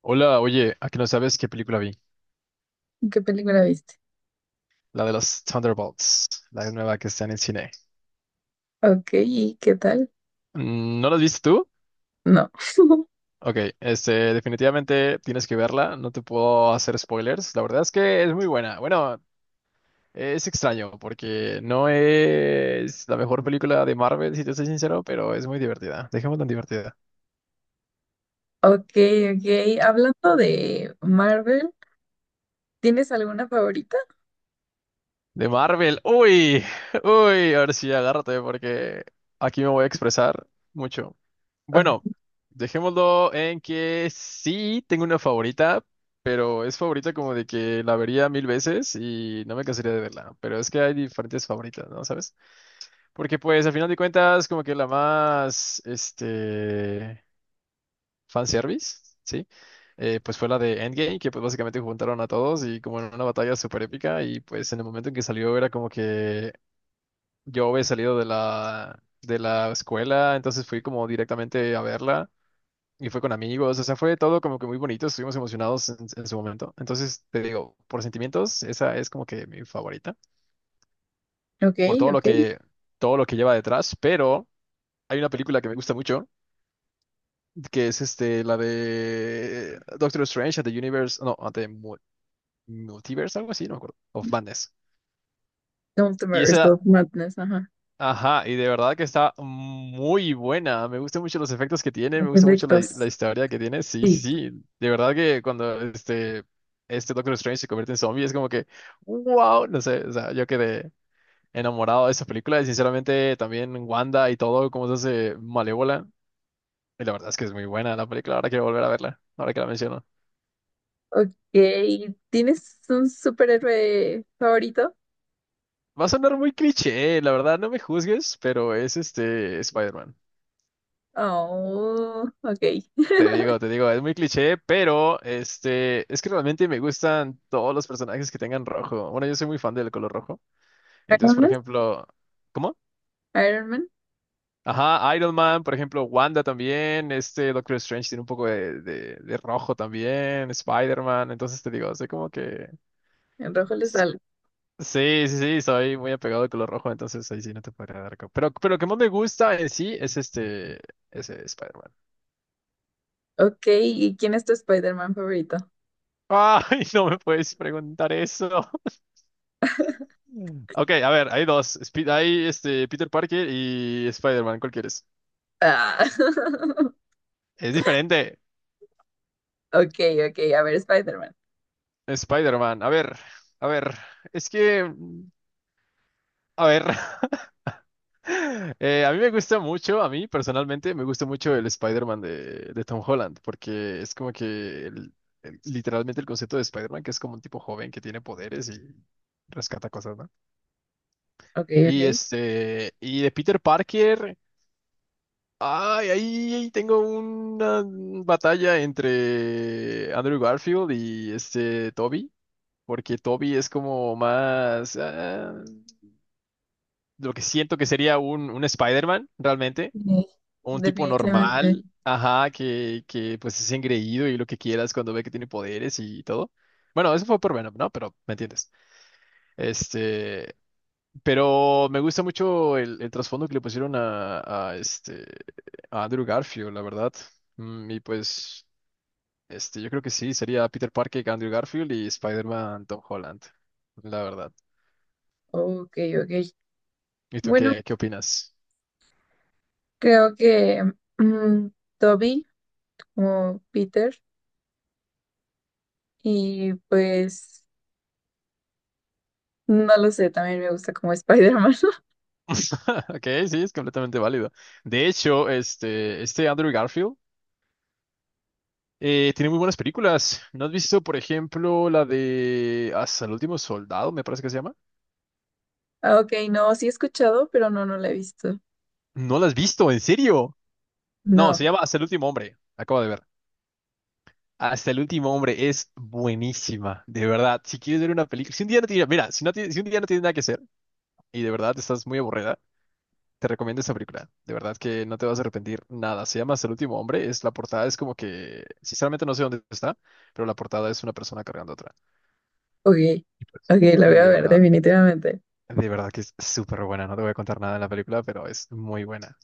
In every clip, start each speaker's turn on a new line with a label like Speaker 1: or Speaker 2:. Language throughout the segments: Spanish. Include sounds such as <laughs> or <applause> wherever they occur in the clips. Speaker 1: Hola, oye, ¿a que no sabes qué película vi?
Speaker 2: ¿Qué película viste?
Speaker 1: La de los Thunderbolts, la nueva que está en el cine.
Speaker 2: Ok, ¿y qué tal?
Speaker 1: Mm, ¿no la viste tú?
Speaker 2: No. <laughs>
Speaker 1: Ok, definitivamente tienes que verla, no te puedo hacer spoilers. La verdad es que es muy buena. Bueno, es extraño porque no es la mejor película de Marvel, si te soy sincero, pero es muy divertida. Dejemos tan divertida.
Speaker 2: Ok, ok. Hablando de Marvel, ¿tienes alguna favorita?
Speaker 1: De Marvel. Uy, uy, a ver si agárrate porque aquí me voy a expresar mucho.
Speaker 2: Ah,
Speaker 1: Bueno, dejémoslo en que sí tengo una favorita, pero es favorita como de que la vería mil veces y no me cansaría de verla. Pero es que hay diferentes favoritas, ¿no? ¿Sabes? Porque pues al final de cuentas como que la más, fanservice, ¿sí? Pues fue la de Endgame, que pues básicamente juntaron a todos y como en una batalla súper épica y pues en el momento en que salió era como que yo había salido de la escuela, entonces fui como directamente a verla y fue con amigos, o sea, fue todo como que muy bonito, estuvimos emocionados en su momento. Entonces, te digo, por sentimientos, esa es como que mi favorita,
Speaker 2: ok,
Speaker 1: por todo lo
Speaker 2: ok.
Speaker 1: que, todo lo que lleva detrás, pero hay una película que me gusta mucho, que es la de Doctor Strange at the Universe, no, at the Multiverse, algo así, no me acuerdo, of Madness. Y
Speaker 2: Multiverse
Speaker 1: esa.
Speaker 2: of Madness, ajá.
Speaker 1: Ajá, y de verdad que está muy buena. Me gustan mucho los efectos que tiene,
Speaker 2: Los
Speaker 1: me gusta mucho la
Speaker 2: efectos.
Speaker 1: historia que tiene. Sí, sí,
Speaker 2: Sí.
Speaker 1: sí. De verdad que cuando este Doctor Strange se convierte en zombie es como que, wow, no sé, o sea, yo quedé enamorado de esa película y sinceramente también Wanda y todo, cómo se hace malévola. Y la verdad es que es muy buena la película, ahora quiero volver a verla, ahora que la menciono.
Speaker 2: Ok, ¿tienes un superhéroe favorito?
Speaker 1: Va a sonar muy cliché, la verdad, no me juzgues, pero es este Spider-Man.
Speaker 2: Oh, ok.
Speaker 1: Te digo, es muy cliché, pero es que realmente me gustan todos los personajes que tengan rojo. Bueno, yo soy muy fan del color rojo. Entonces,
Speaker 2: Iron
Speaker 1: por
Speaker 2: Man.
Speaker 1: ejemplo, ¿cómo?
Speaker 2: Iron Man.
Speaker 1: Ajá, Iron Man, por ejemplo, Wanda también, este Doctor Strange tiene un poco de rojo también, Spider-Man, entonces te digo, soy como que...
Speaker 2: En rojo le
Speaker 1: s-
Speaker 2: sale.
Speaker 1: Sí, sí, sí, soy muy apegado al color rojo, entonces ahí sí no te podría dar... Pero lo que más me gusta en sí es ese Spider-Man.
Speaker 2: Ok, ¿y quién es tu Spider-Man favorito?
Speaker 1: Ay, <laughs> no me puedes preguntar eso. Ok, a ver, hay dos. Hay Peter Parker y Spider-Man, ¿cuál quieres?
Speaker 2: Ah. <laughs>
Speaker 1: Es diferente.
Speaker 2: Ok, ok. A ver, Spider-Man.
Speaker 1: Spider-Man, a ver, a ver. Es que, a ver. <laughs> A mí me gusta mucho, a mí personalmente, me gusta mucho el Spider-Man de Tom Holland, porque es como que literalmente el concepto de Spider-Man, que es como un tipo joven que tiene poderes y rescata cosas, ¿no?
Speaker 2: Ok,
Speaker 1: Y
Speaker 2: ok.
Speaker 1: este, y de Peter Parker. Ay, ahí tengo una batalla entre Andrew Garfield y este Toby, porque Toby es como más lo que siento que sería un Spider-Man realmente,
Speaker 2: Sí,
Speaker 1: un tipo
Speaker 2: definitivamente.
Speaker 1: normal, ajá, que pues es engreído y lo que quieras cuando ve que tiene poderes y todo. Bueno, eso fue por Venom, ¿no? Pero me entiendes. Este, Pero me gusta mucho el trasfondo que le pusieron a Andrew Garfield, la verdad. Y pues, yo creo que sí, sería Peter Parker, Andrew Garfield y Spider-Man Tom Holland, la verdad.
Speaker 2: Ok, ok.
Speaker 1: ¿Y tú
Speaker 2: Bueno,
Speaker 1: qué opinas?
Speaker 2: creo que mm, Toby o Peter y pues no lo sé, también me gusta como Spider-Man. <laughs>
Speaker 1: <laughs> Ok, sí, es completamente válido. De hecho, este Andrew Garfield tiene muy buenas películas. ¿No has visto, por ejemplo, la de Hasta el último soldado, me parece que se llama?
Speaker 2: Ah, ok, no, sí he escuchado, pero no la he visto.
Speaker 1: ¿No la has visto? ¿En serio? No, se
Speaker 2: No,
Speaker 1: llama Hasta el último hombre. Acabo de ver. Hasta el último hombre es buenísima, de verdad. Si quieres ver una película, si un día no tienes, mira, si, si un día no tienes nada que hacer y de verdad estás muy aburrida, te recomiendo esta película. De verdad que no te vas a arrepentir nada. Se llama Hasta el último hombre, es la portada es como que, sinceramente no sé dónde está, pero la portada es una persona cargando a otra.
Speaker 2: ok,
Speaker 1: Y pues,
Speaker 2: ok, la voy
Speaker 1: y
Speaker 2: a ver definitivamente.
Speaker 1: de verdad que es súper buena. No te voy a contar nada de la película, pero es muy buena.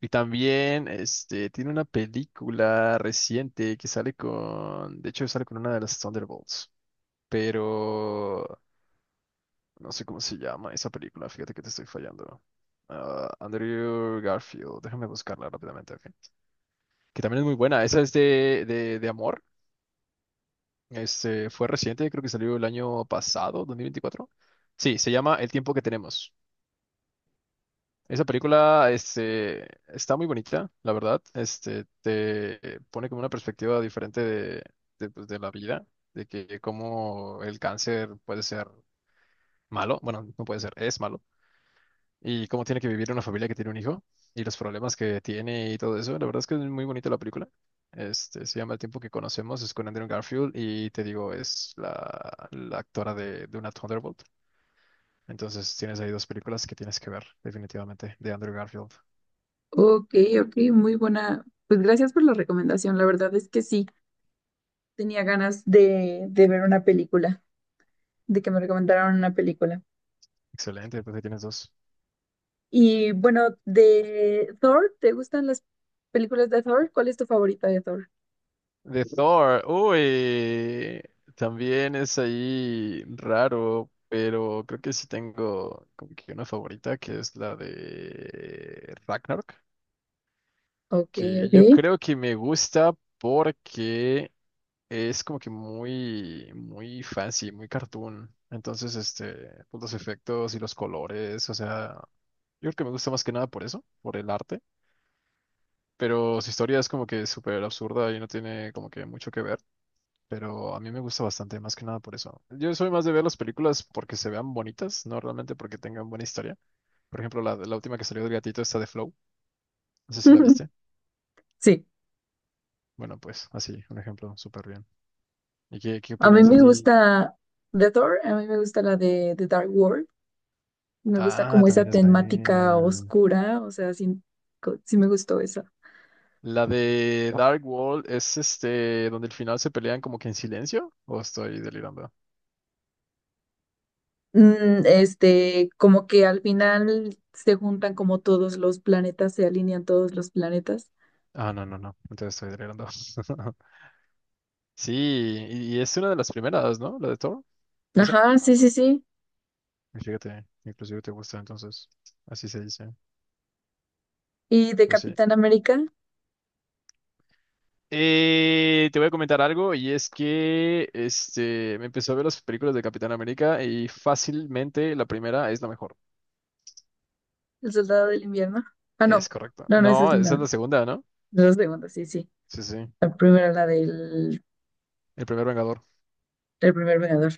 Speaker 1: Y también, tiene una película reciente que sale con, de hecho, sale con una de las Thunderbolts, pero no sé cómo se llama esa película, fíjate que te estoy fallando. Ah, Andrew Garfield, déjame buscarla rápidamente, ok. Que también es muy buena, esa es de amor, fue reciente, creo que salió el año pasado, 2024. Sí, se llama El tiempo que tenemos. Esa película, está muy bonita, la verdad, te pone como una perspectiva diferente de la vida, de que cómo el cáncer puede ser malo, bueno, no puede ser, es malo y cómo tiene que vivir una familia que tiene un hijo y los problemas que tiene y todo eso. La verdad es que es muy bonita la película. Se llama El tiempo que conocemos, es con Andrew Garfield y te digo, es la actora de una Thunderbolt. Entonces tienes ahí dos películas que tienes que ver, definitivamente, de Andrew Garfield.
Speaker 2: Ok, ok, muy buena. Pues gracias por la recomendación. La verdad es que sí, tenía ganas de ver una película, de que me recomendaran una película.
Speaker 1: Excelente, pues ahí tienes dos.
Speaker 2: Y bueno, de Thor, ¿te gustan las películas de Thor? ¿Cuál es tu favorita de Thor?
Speaker 1: De Thor, uy, también es ahí raro, pero creo que sí tengo como que una favorita que es la de Ragnarok,
Speaker 2: Ok,
Speaker 1: que
Speaker 2: ok.
Speaker 1: yo creo que me gusta porque es como que muy, muy fancy, muy cartoon. Entonces, pues, los efectos y los colores, o sea, yo creo que me gusta más que nada por eso, por el arte. Pero su historia es como que súper absurda y no tiene como que mucho que ver. Pero a mí me gusta bastante, más que nada por eso. Yo soy más de ver las películas porque se vean bonitas, no realmente porque tengan buena historia. Por ejemplo, la última que salió del gatito, esta de Flow. No sé si la
Speaker 2: <laughs>
Speaker 1: viste.
Speaker 2: Sí,
Speaker 1: Bueno, pues así, un ejemplo súper bien. ¿Y qué
Speaker 2: a mí
Speaker 1: opinas a
Speaker 2: me
Speaker 1: ti?
Speaker 2: gusta de Thor, a mí me gusta la de Dark World. Me gusta
Speaker 1: Ah,
Speaker 2: como
Speaker 1: también
Speaker 2: esa
Speaker 1: es
Speaker 2: temática
Speaker 1: buena.
Speaker 2: oscura, o sea, sí, co- sí me gustó esa.
Speaker 1: La de Dark World es donde al final se pelean como que en silencio, ¿o estoy delirando?
Speaker 2: Como que al final se juntan como todos los planetas, se alinean todos los planetas.
Speaker 1: Ah, no, no, no, entonces estoy delirando. <laughs> Sí, y es una de las primeras, ¿no? La de Thor, esa.
Speaker 2: Ajá, sí, sí, sí.
Speaker 1: Y fíjate, inclusive te gusta, entonces, así se dice,
Speaker 2: ¿Y de
Speaker 1: pero sí.
Speaker 2: Capitán América,
Speaker 1: Te voy a comentar algo y es que me empezó a ver las películas de Capitán América y fácilmente la primera es la mejor.
Speaker 2: el soldado del invierno? Ah, no,
Speaker 1: Es correcto.
Speaker 2: no, no, esa es
Speaker 1: No, esa
Speaker 2: la.
Speaker 1: es la segunda, ¿no?
Speaker 2: La segunda, sí, sí.
Speaker 1: Sí, sí.
Speaker 2: La primera,
Speaker 1: El primer Vengador.
Speaker 2: del primer Vengador.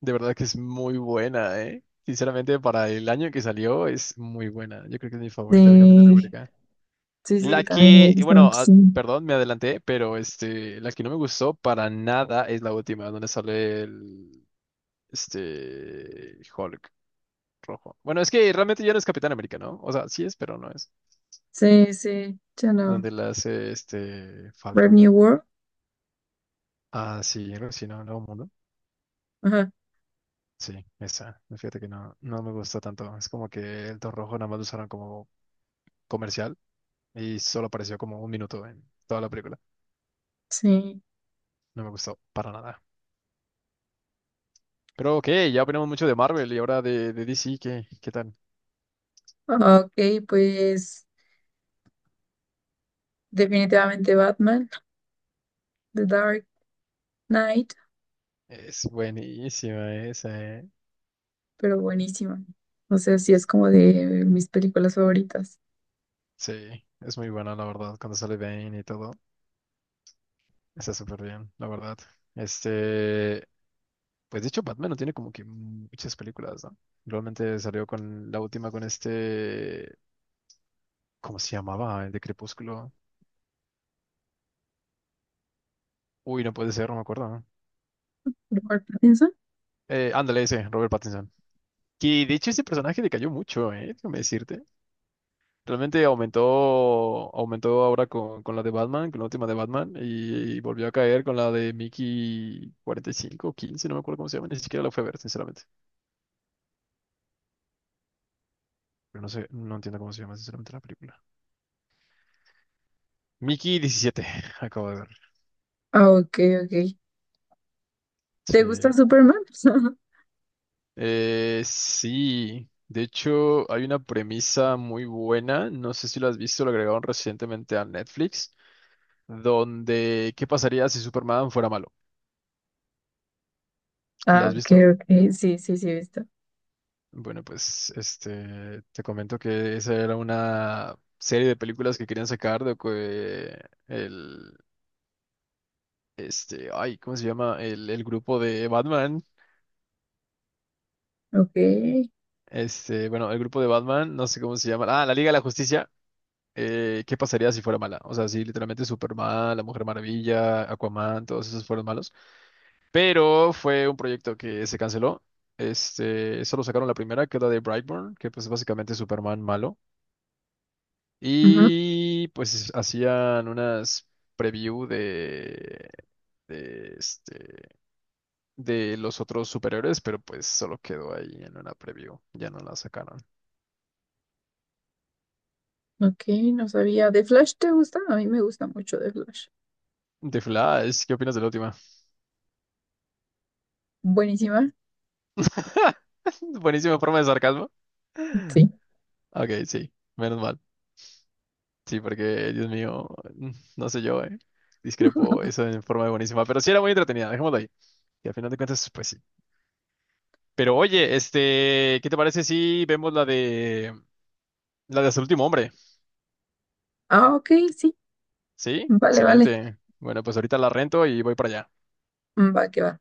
Speaker 1: De verdad que es muy buena, ¿eh? Sinceramente, para el año en que salió, es muy buena. Yo creo que es mi favorita de Capitán
Speaker 2: Sí,
Speaker 1: América.
Speaker 2: sí, sí,
Speaker 1: La
Speaker 2: también me
Speaker 1: que,
Speaker 2: gusta
Speaker 1: bueno,
Speaker 2: muchísimo.
Speaker 1: perdón, me adelanté, pero la que no me gustó para nada es la última, donde sale el, Hulk rojo. Bueno, es que realmente ya no es Capitán América, ¿no? O sea, sí es, pero no es.
Speaker 2: Sí, sí, ya no.
Speaker 1: Donde la hace este
Speaker 2: Brave
Speaker 1: Falcon.
Speaker 2: New World.
Speaker 1: Ah, sí, algo así, no, no,
Speaker 2: Ajá,
Speaker 1: sí, esa. Fíjate que no, no me gustó tanto. Es como que el Don Rojo nada más lo usaron como comercial y solo apareció como un minuto en toda la película.
Speaker 2: sí.
Speaker 1: No me gustó para nada. Pero ok, ya opinamos mucho de Marvel y ahora de DC, ¿qué tal?
Speaker 2: Ok, pues definitivamente Batman, The Dark Knight,
Speaker 1: Es buenísima esa, ¿eh?
Speaker 2: pero buenísima. O sea, sí es como de mis películas favoritas.
Speaker 1: Sí, es muy buena, la verdad. Cuando sale Bane y todo, está súper bien, la verdad. Este, pues de hecho, Batman no tiene como que muchas películas, ¿no? Realmente salió con la última con este. ¿Cómo se llamaba? El de Crepúsculo. Uy, no puede ser, no me acuerdo, ¿no?
Speaker 2: ¿Robert Pattinson?
Speaker 1: Ándale, ese, Robert Pattinson. Que de hecho ese personaje decayó mucho, ¿eh? Déjame decirte. Realmente aumentó ahora con la de Batman, con la última de Batman, y volvió a caer con la de Mickey 45 o 15, no me acuerdo cómo se llama, ni siquiera la fue a ver, sinceramente. Pero no sé, no entiendo cómo se llama, sinceramente, la película. Mickey 17, <laughs> acabo de ver.
Speaker 2: Ah, ok, ok. ¿Te gusta
Speaker 1: Sí.
Speaker 2: Superman? <laughs>
Speaker 1: Sí. De hecho, hay una premisa muy buena, no sé si la has visto, lo agregaron recientemente a Netflix donde ¿qué pasaría si Superman fuera malo? ¿La
Speaker 2: Ah,
Speaker 1: has
Speaker 2: ok,
Speaker 1: visto?
Speaker 2: ok. Sí, sí, sí, he visto.
Speaker 1: Bueno, pues te comento que esa era una serie de películas que querían sacar de que el ay, ¿cómo se llama? El grupo de Batman.
Speaker 2: Ok.
Speaker 1: Bueno, el grupo de Batman, no sé cómo se llama. Ah, la Liga de la Justicia. ¿Qué pasaría si fuera mala? O sea, si literalmente Superman, la Mujer Maravilla, Aquaman, todos esos fueron malos. Pero fue un proyecto que se canceló. Solo sacaron la primera, que es la de Brightburn, que pues es básicamente Superman malo.
Speaker 2: Ujú.
Speaker 1: Y pues hacían unas preview de, este, de los otros superhéroes, pero pues solo quedó ahí en una preview. Ya no la sacaron.
Speaker 2: Ok, no sabía. ¿De Flash te gusta? A mí me gusta mucho de Flash.
Speaker 1: The Flash, ¿qué opinas de la última?
Speaker 2: Buenísima.
Speaker 1: <laughs> Buenísima forma de sarcasmo.
Speaker 2: Sí.
Speaker 1: Ok, sí, menos mal. Sí, porque, Dios mío, mm, no sé yo. Discrepo eso en forma de buenísima, pero sí era muy entretenida, dejémoslo ahí. Y al final de cuentas, pues sí. Pero oye, ¿qué te parece si vemos la de Hasta el último hombre?
Speaker 2: Ah, ok, sí.
Speaker 1: Sí,
Speaker 2: Vale, vale.
Speaker 1: excelente. Bueno, pues ahorita la rento y voy para allá.
Speaker 2: Va que va.